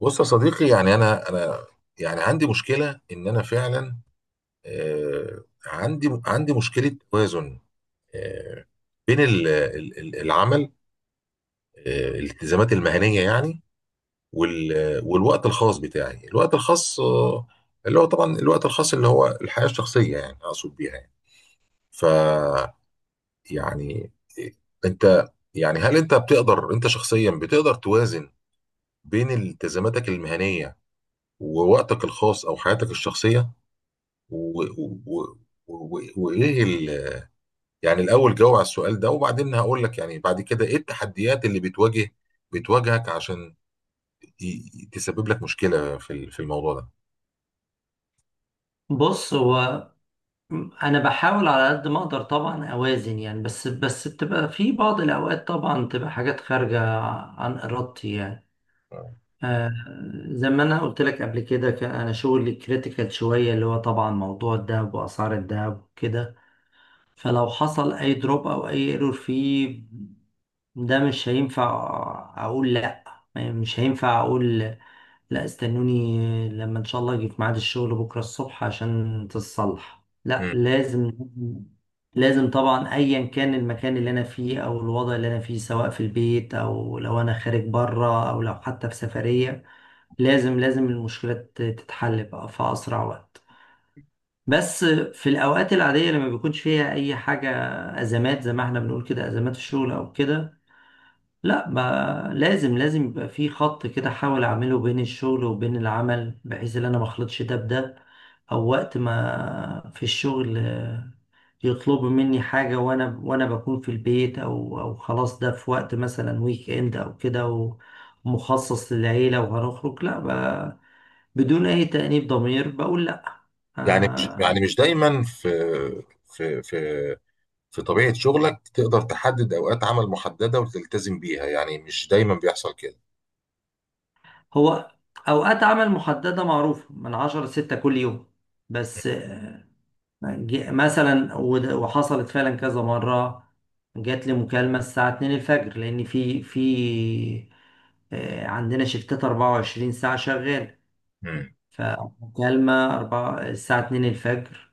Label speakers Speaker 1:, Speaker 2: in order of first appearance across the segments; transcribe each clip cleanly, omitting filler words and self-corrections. Speaker 1: بص يا صديقي، يعني انا يعني عندي مشكله ان انا فعلا عندي مشكله توازن آه، بين العمل، الالتزامات المهنيه، يعني والوقت الخاص بتاعي، الوقت الخاص، اللي هو طبعا الوقت الخاص اللي هو الحياه الشخصيه، يعني اقصد بيها يعني. ف، يعني، آه، انت، يعني هل انت بتقدر، انت شخصيا بتقدر توازن بين التزاماتك المهنيه ووقتك الخاص او حياتك الشخصيه و... و... و... و يعني الاول جاوب على السؤال ده، وبعدين هقول لك يعني بعد كده ايه التحديات اللي بتواجهك عشان تسبب لك مشكلة في في الموضوع ده.
Speaker 2: بص هو انا بحاول على قد ما اقدر طبعا اوازن يعني بس بتبقى في بعض الاوقات طبعا تبقى حاجات خارجه عن ارادتي يعني. آه. زي ما انا قلت لك قبل كده كان انا شغلي كريتيكال شويه اللي هو طبعا موضوع الذهب واسعار الذهب وكده، فلو حصل اي دروب او اي ايرور فيه، ده مش هينفع اقول لا، مش هينفع اقول لا استنوني لما ان شاء الله اجي في ميعاد الشغل بكره الصبح عشان تتصلح، لا،
Speaker 1: مم.
Speaker 2: لازم لازم طبعا ايا كان المكان اللي انا فيه او الوضع اللي انا فيه سواء في البيت او لو انا خارج بره او لو حتى في سفريه، لازم لازم المشكلة تتحل بقى في أسرع وقت. بس في الأوقات العادية لما بيكونش فيها أي حاجة أزمات زي ما احنا بنقول كده، أزمات في الشغل أو كده، لا ما لازم لازم يبقى في خط كده احاول اعمله بين الشغل وبين العمل بحيث ان انا ما اخلطش ده بده. او وقت ما في الشغل يطلبوا مني حاجة وانا بكون في البيت او خلاص ده في وقت مثلا ويك اند او كده ومخصص للعيلة وهنخرج، لا، بدون اي تأنيب ضمير بقول لا.
Speaker 1: يعني مش،
Speaker 2: آه.
Speaker 1: يعني مش دايما في في في طبيعة شغلك تقدر تحدد أوقات عمل محددة وتلتزم بيها، يعني مش دايما بيحصل كده.
Speaker 2: هو اوقات عمل محددة معروفة من عشرة لستة كل يوم. بس وحصلت فعلا كذا مرة، جات لي مكالمة الساعة 2 الفجر لأن في عندنا شفتات 24 ساعة شغال.
Speaker 1: مم.
Speaker 2: فمكالمة أربعة الساعة 2 الفجر،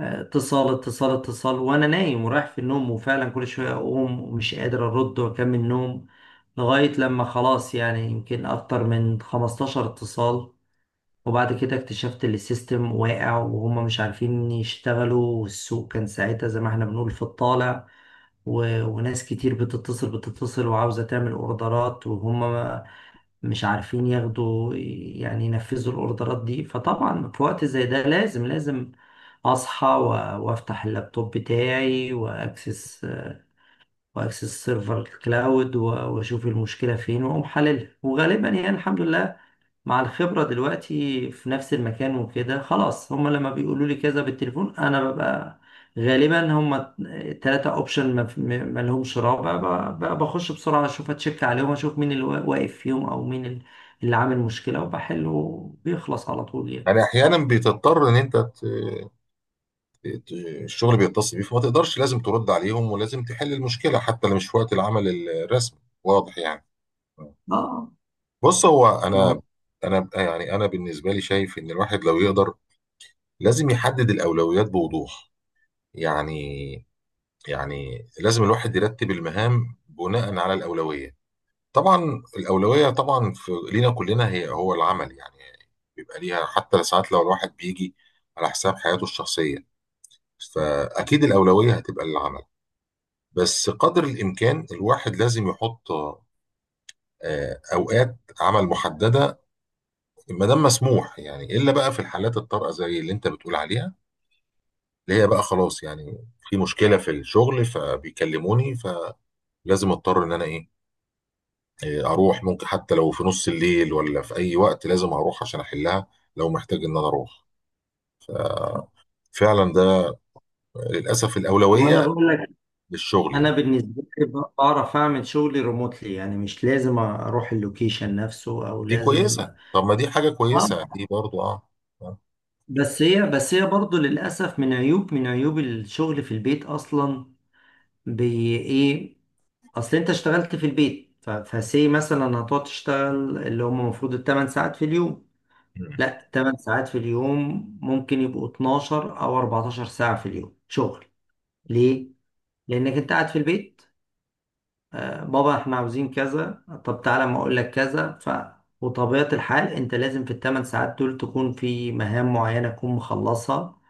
Speaker 2: اتصال اتصال اتصال وأنا نايم ورايح في النوم وفعلا كل شوية أقوم ومش قادر أرد وأكمل نوم لغاية لما خلاص يعني يمكن أكتر من 15 اتصال. وبعد كده اكتشفت ان السيستم واقع وهم مش عارفين يشتغلوا والسوق كان ساعتها زي ما احنا بنقول في الطالع، وناس كتير بتتصل وعاوزة تعمل اوردرات وهم ما- مش عارفين ياخدوا يعني ينفذوا الاوردرات دي، فطبعا في وقت زي ده لازم لازم اصحى وافتح اللابتوب بتاعي واكسس سيرفر الكلاود واشوف المشكلة فين واقوم حللها. وغالبا يعني الحمد لله مع الخبرة دلوقتي في نفس المكان وكده خلاص هما لما بيقولوا لي كذا بالتليفون انا ببقى غالبا هما تلاتة اوبشن ما لهمش رابع، بخش بسرعة اشوف اتشك عليهم اشوف مين اللي واقف فيهم او مين اللي عامل مشكلة وبحله بيخلص على طول يعني.
Speaker 1: يعني أحيانا بتضطر إن أنت، الشغل بيتصل بيه فما تقدرش، لازم ترد عليهم ولازم تحل المشكله حتى لو مش في وقت العمل الرسمي، واضح يعني.
Speaker 2: اه.
Speaker 1: بص، هو انا
Speaker 2: آه.
Speaker 1: انا يعني انا بالنسبه لي شايف ان الواحد لو يقدر لازم يحدد الاولويات بوضوح. يعني، يعني لازم الواحد يرتب المهام بناء على الاولويه. طبعا الاولويه طبعا في لينا كلنا هو العمل يعني، بيبقى ليها حتى ساعات لو الواحد بيجي على حساب حياته الشخصيه، فاكيد الاولويه هتبقى للعمل. بس قدر الامكان الواحد لازم يحط اوقات عمل محدده ما دام مسموح، يعني الا بقى في الحالات الطارئه زي اللي انت بتقول عليها، اللي هي بقى خلاص يعني في مشكله في الشغل فبيكلموني، فلازم اضطر ان انا ايه، اروح. ممكن حتى لو في نص الليل ولا في اي وقت لازم اروح عشان احلها لو محتاج ان انا اروح فعلا، ده للاسف
Speaker 2: وانا
Speaker 1: الاولويه
Speaker 2: بقول لك
Speaker 1: للشغل
Speaker 2: انا
Speaker 1: يعني.
Speaker 2: بالنسبة لي بعرف اعمل شغلي ريموتلي يعني مش لازم اروح اللوكيشن نفسه او
Speaker 1: دي
Speaker 2: لازم.
Speaker 1: كويسه، طب ما دي حاجه
Speaker 2: اه.
Speaker 1: كويسه دي برضو. اه. آه.
Speaker 2: بس هي برضه للأسف من عيوب من عيوب الشغل في البيت أصلا. بي إيه؟ أصل أنت اشتغلت في البيت، فسي مثلا هتقعد تشتغل اللي هم المفروض التمن ساعات في اليوم، لا التمن ساعات في اليوم ممكن يبقوا 12 أو 14 ساعة في اليوم شغل. ليه؟ لأنك أنت قاعد في البيت. آه بابا إحنا عاوزين كذا، طب تعالى ما أقول لك كذا. ف وطبيعة الحال أنت لازم في التمن ساعات دول تكون في مهام معينة تكون مخلصها،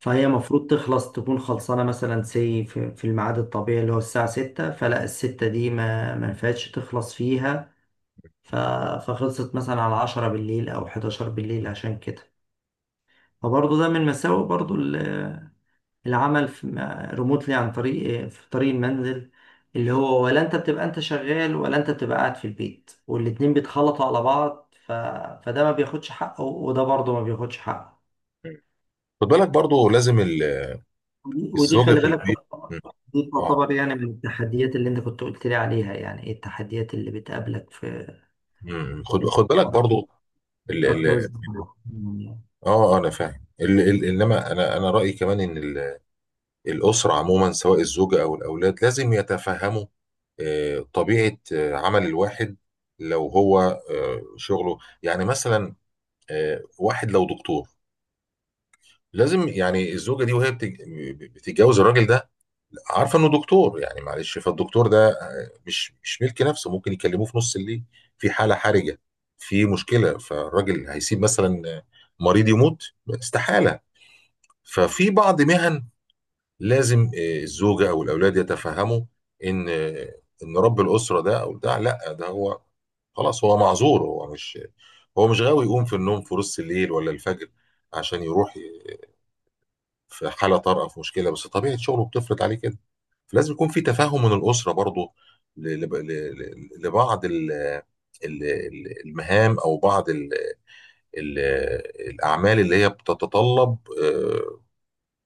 Speaker 2: فهي المفروض تخلص تكون خلصانة مثلا سي في في الميعاد الطبيعي اللي هو الساعة ستة، فلا الستة دي ما ينفعش تخلص فيها. ف... فخلصت مثلا على عشرة بالليل أو حداشر بالليل عشان كده. فبرضه ده من مساوئ برضه العمل في ريموتلي عن طريق في طريق المنزل، اللي هو ولا أنت بتبقى أنت شغال ولا أنت بتبقى قاعد في البيت والاتنين بيتخلطوا على بعض. فده ما بياخدش حقه وده برضه ما بياخدش حقه.
Speaker 1: خد بالك برضو لازم ال
Speaker 2: ودي
Speaker 1: الزوجه
Speaker 2: خلي
Speaker 1: في
Speaker 2: بالك،
Speaker 1: البيت. مم.
Speaker 2: دي
Speaker 1: اه.
Speaker 2: تعتبر يعني من التحديات اللي انت كنت قلت لي عليها، يعني ايه التحديات اللي بتقابلك في
Speaker 1: مم. خد
Speaker 2: انك
Speaker 1: بالك برضو، ال
Speaker 2: تعرف
Speaker 1: ال
Speaker 2: توازن يعني.
Speaker 1: اه، انا فاهم. ال ال انما انا رايي كمان ان الاسره عموما سواء الزوجه او الاولاد لازم يتفهموا طبيعه عمل الواحد لو هو شغله يعني. مثلا واحد لو دكتور لازم يعني الزوجه دي وهي بتتجوز الراجل ده عارفه انه دكتور، يعني معلش، فالدكتور ده مش ملك نفسه، ممكن يكلموه في نص الليل في حاله حرجه، في مشكله، فالراجل هيسيب مثلا مريض يموت؟ استحاله. ففي بعض مهن لازم الزوجه او الاولاد يتفهموا ان ان رب الاسره ده، او ده لا ده هو خلاص هو معذور، هو مش، هو مش غاوي يقوم في النوم في نص الليل ولا الفجر عشان يروح في حاله طارئه في مشكله، بس طبيعه شغله بتفرض عليه كده. فلازم يكون في تفاهم من الاسره برضه لبعض المهام او بعض ال- الاعمال اللي هي بتتطلب، آه،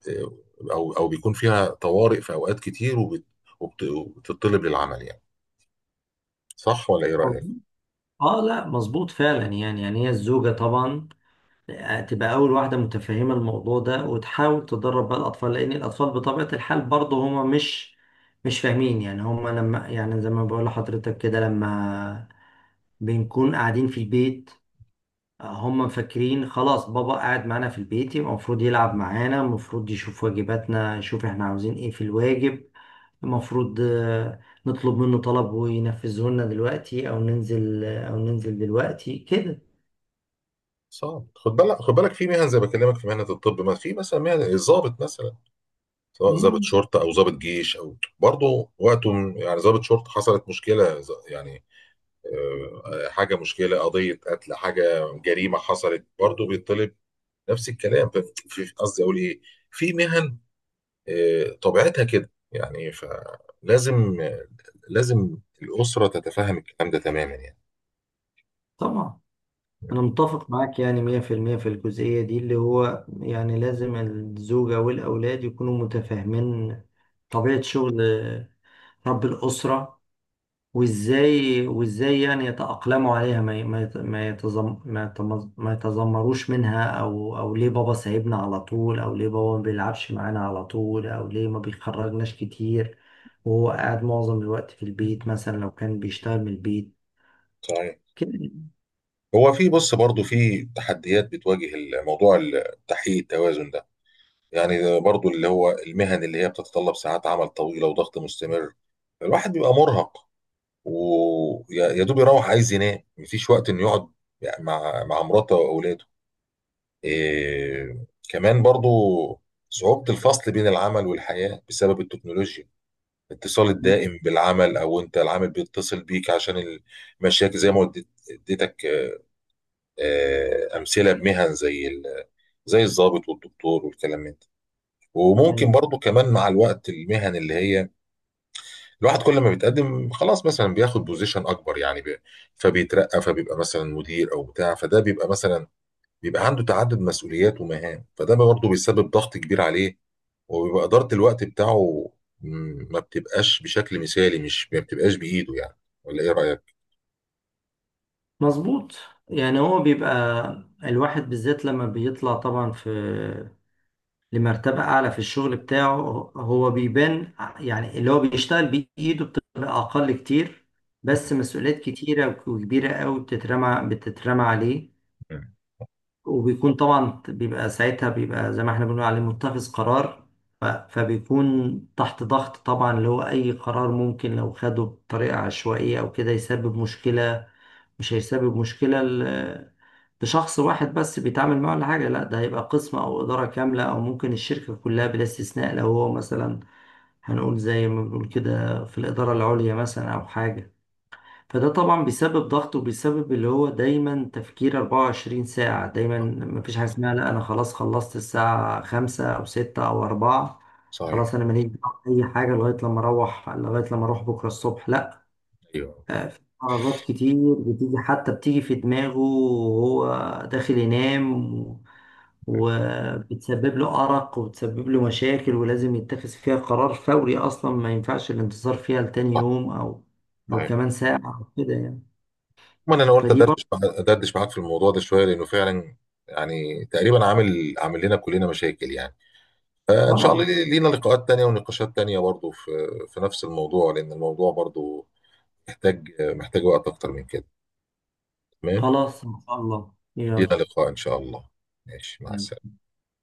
Speaker 1: آه، او او بيكون فيها طوارئ في اوقات كتير وبتطلب للعمل يعني. صح ولا ايه رايك؟
Speaker 2: اه لا مظبوط فعلا يعني يعني هي الزوجة طبعا تبقى اول واحدة متفهمة الموضوع ده وتحاول تدرب بقى الاطفال، لان الاطفال بطبيعة الحال برضه هما مش فاهمين يعني، هما لما يعني زي ما بقول لحضرتك كده لما بنكون قاعدين في البيت، هم فاكرين خلاص بابا قاعد معانا في البيت يبقى المفروض يلعب معانا، المفروض يشوف واجباتنا، يشوف احنا عاوزين ايه في الواجب، المفروض نطلب منه طلب وينفذه لنا دلوقتي، او ننزل دلوقتي كده.
Speaker 1: صعب. خد بالك، في مهن زي ما بكلمك، في مهنه الطب، ما في مثلا مهن الضابط مثلا، سواء ضابط
Speaker 2: مم.
Speaker 1: شرطه او ضابط جيش او برضه وقته يعني ضابط شرطه حصلت مشكله يعني حاجه مشكله قضيه قتل حاجه جريمه حصلت برضه بيطلب نفس الكلام. في، قصدي اقول ايه، في مهن طبيعتها كده يعني، فلازم، لازم الاسره تتفهم الكلام ده تماما يعني.
Speaker 2: طبعا انا متفق معاك يعني 100% في المية في الجزئية دي اللي هو يعني لازم الزوجة والاولاد يكونوا متفاهمين طبيعة شغل رب الأسرة. وازاي يعني يتأقلموا عليها، ما ي- ما يت- ما يتزم ما يتمز- ما يتذمروش منها، او ليه بابا سايبنا على طول، او ليه بابا ما بيلعبش معانا على طول، او ليه ما بيخرجناش كتير وهو قاعد معظم الوقت في البيت مثلا لو كان بيشتغل من البيت
Speaker 1: صحيح.
Speaker 2: كده
Speaker 1: هو في، بص برضه في تحديات بتواجه الموضوع، تحقيق التوازن ده، يعني برضه اللي هو المهن اللي هي بتتطلب ساعات عمل طويله وضغط مستمر، الواحد بيبقى مرهق ويا دوب يروح عايز ينام، مفيش وقت انه يقعد يعني مع مراته واولاده. إيه كمان برضو، صعوبة الفصل بين العمل والحياة بسبب التكنولوجيا، الاتصال الدائم بالعمل او انت العمل بيتصل بيك عشان المشاكل زي ما اديتك امثلة بمهن زي زي الضابط والدكتور والكلام من ده. وممكن
Speaker 2: يعني.
Speaker 1: برضو كمان مع الوقت المهن اللي هي الواحد كل ما بيتقدم خلاص مثلا بياخد بوزيشن اكبر، يعني فبيترقى فبيبقى مثلا مدير او بتاع، فده بيبقى مثلا، بيبقى عنده تعدد مسؤوليات ومهام، فده برضه بيسبب ضغط كبير عليه، وبيبقى اداره الوقت بتاعه م، ما بتبقاش بشكل مثالي، مش ما بتبقاش بايده يعني. ولا ايه رايك؟
Speaker 2: مظبوط. يعني هو بيبقى الواحد بالذات لما بيطلع طبعا في لمرتبة أعلى في الشغل بتاعه، هو بيبان يعني اللي هو بيشتغل بإيده بتبقى أقل كتير، بس مسؤوليات كتيرة وكبيرة أوي بتترمى عليه.
Speaker 1: مم.
Speaker 2: وبيكون طبعا بيبقى ساعتها بيبقى زي ما احنا بنقول عليه متخذ قرار، فبيكون تحت ضغط طبعا، اللي هو أي قرار ممكن لو خده بطريقة عشوائية أو كده يسبب مشكلة، مش هيسبب مشكلة لشخص واحد بس بيتعامل معه ولا حاجة، لا ده هيبقى قسم أو إدارة كاملة أو ممكن الشركة كلها بلا استثناء، لو هو مثلا هنقول زي ما بنقول كده في الإدارة العليا مثلا أو حاجة، فده طبعا بيسبب ضغط وبيسبب اللي هو دايما تفكير 24 ساعة دايما.
Speaker 1: صح.
Speaker 2: مفيش حاجة اسمها لا أنا خلاص خلصت الساعة خمسة أو ستة أو أربعة،
Speaker 1: صحيح.
Speaker 2: خلاص أنا ماليش دعوة بأي حاجة لغاية لما أروح لغاية لما أروح بكرة الصبح، لا،
Speaker 1: ايوه.
Speaker 2: في عربات كتير بتيجي حتى بتيجي في دماغه وهو داخل ينام وبتسبب له أرق وبتسبب له مشاكل ولازم يتخذ فيها قرار فوري أصلا ما ينفعش الانتظار فيها لتاني
Speaker 1: صح.
Speaker 2: يوم أو
Speaker 1: صحيح.
Speaker 2: كمان ساعة أو كده يعني.
Speaker 1: عموما انا قلت
Speaker 2: فدي برضه.
Speaker 1: ادردش ادردش معاك في الموضوع ده شويه لانه فعلا يعني تقريبا عامل لنا كلنا مشاكل يعني. فإن شاء الله
Speaker 2: طبعا.
Speaker 1: لينا لقاءات تانية ونقاشات تانية برضو في، في نفس الموضوع، لأن الموضوع برضو محتاج، وقت أكتر من كده. تمام،
Speaker 2: خلاص إن شاء الله يلا.
Speaker 1: لينا لقاء إن شاء الله. ماشي، مع السلامة.
Speaker 2: يلا.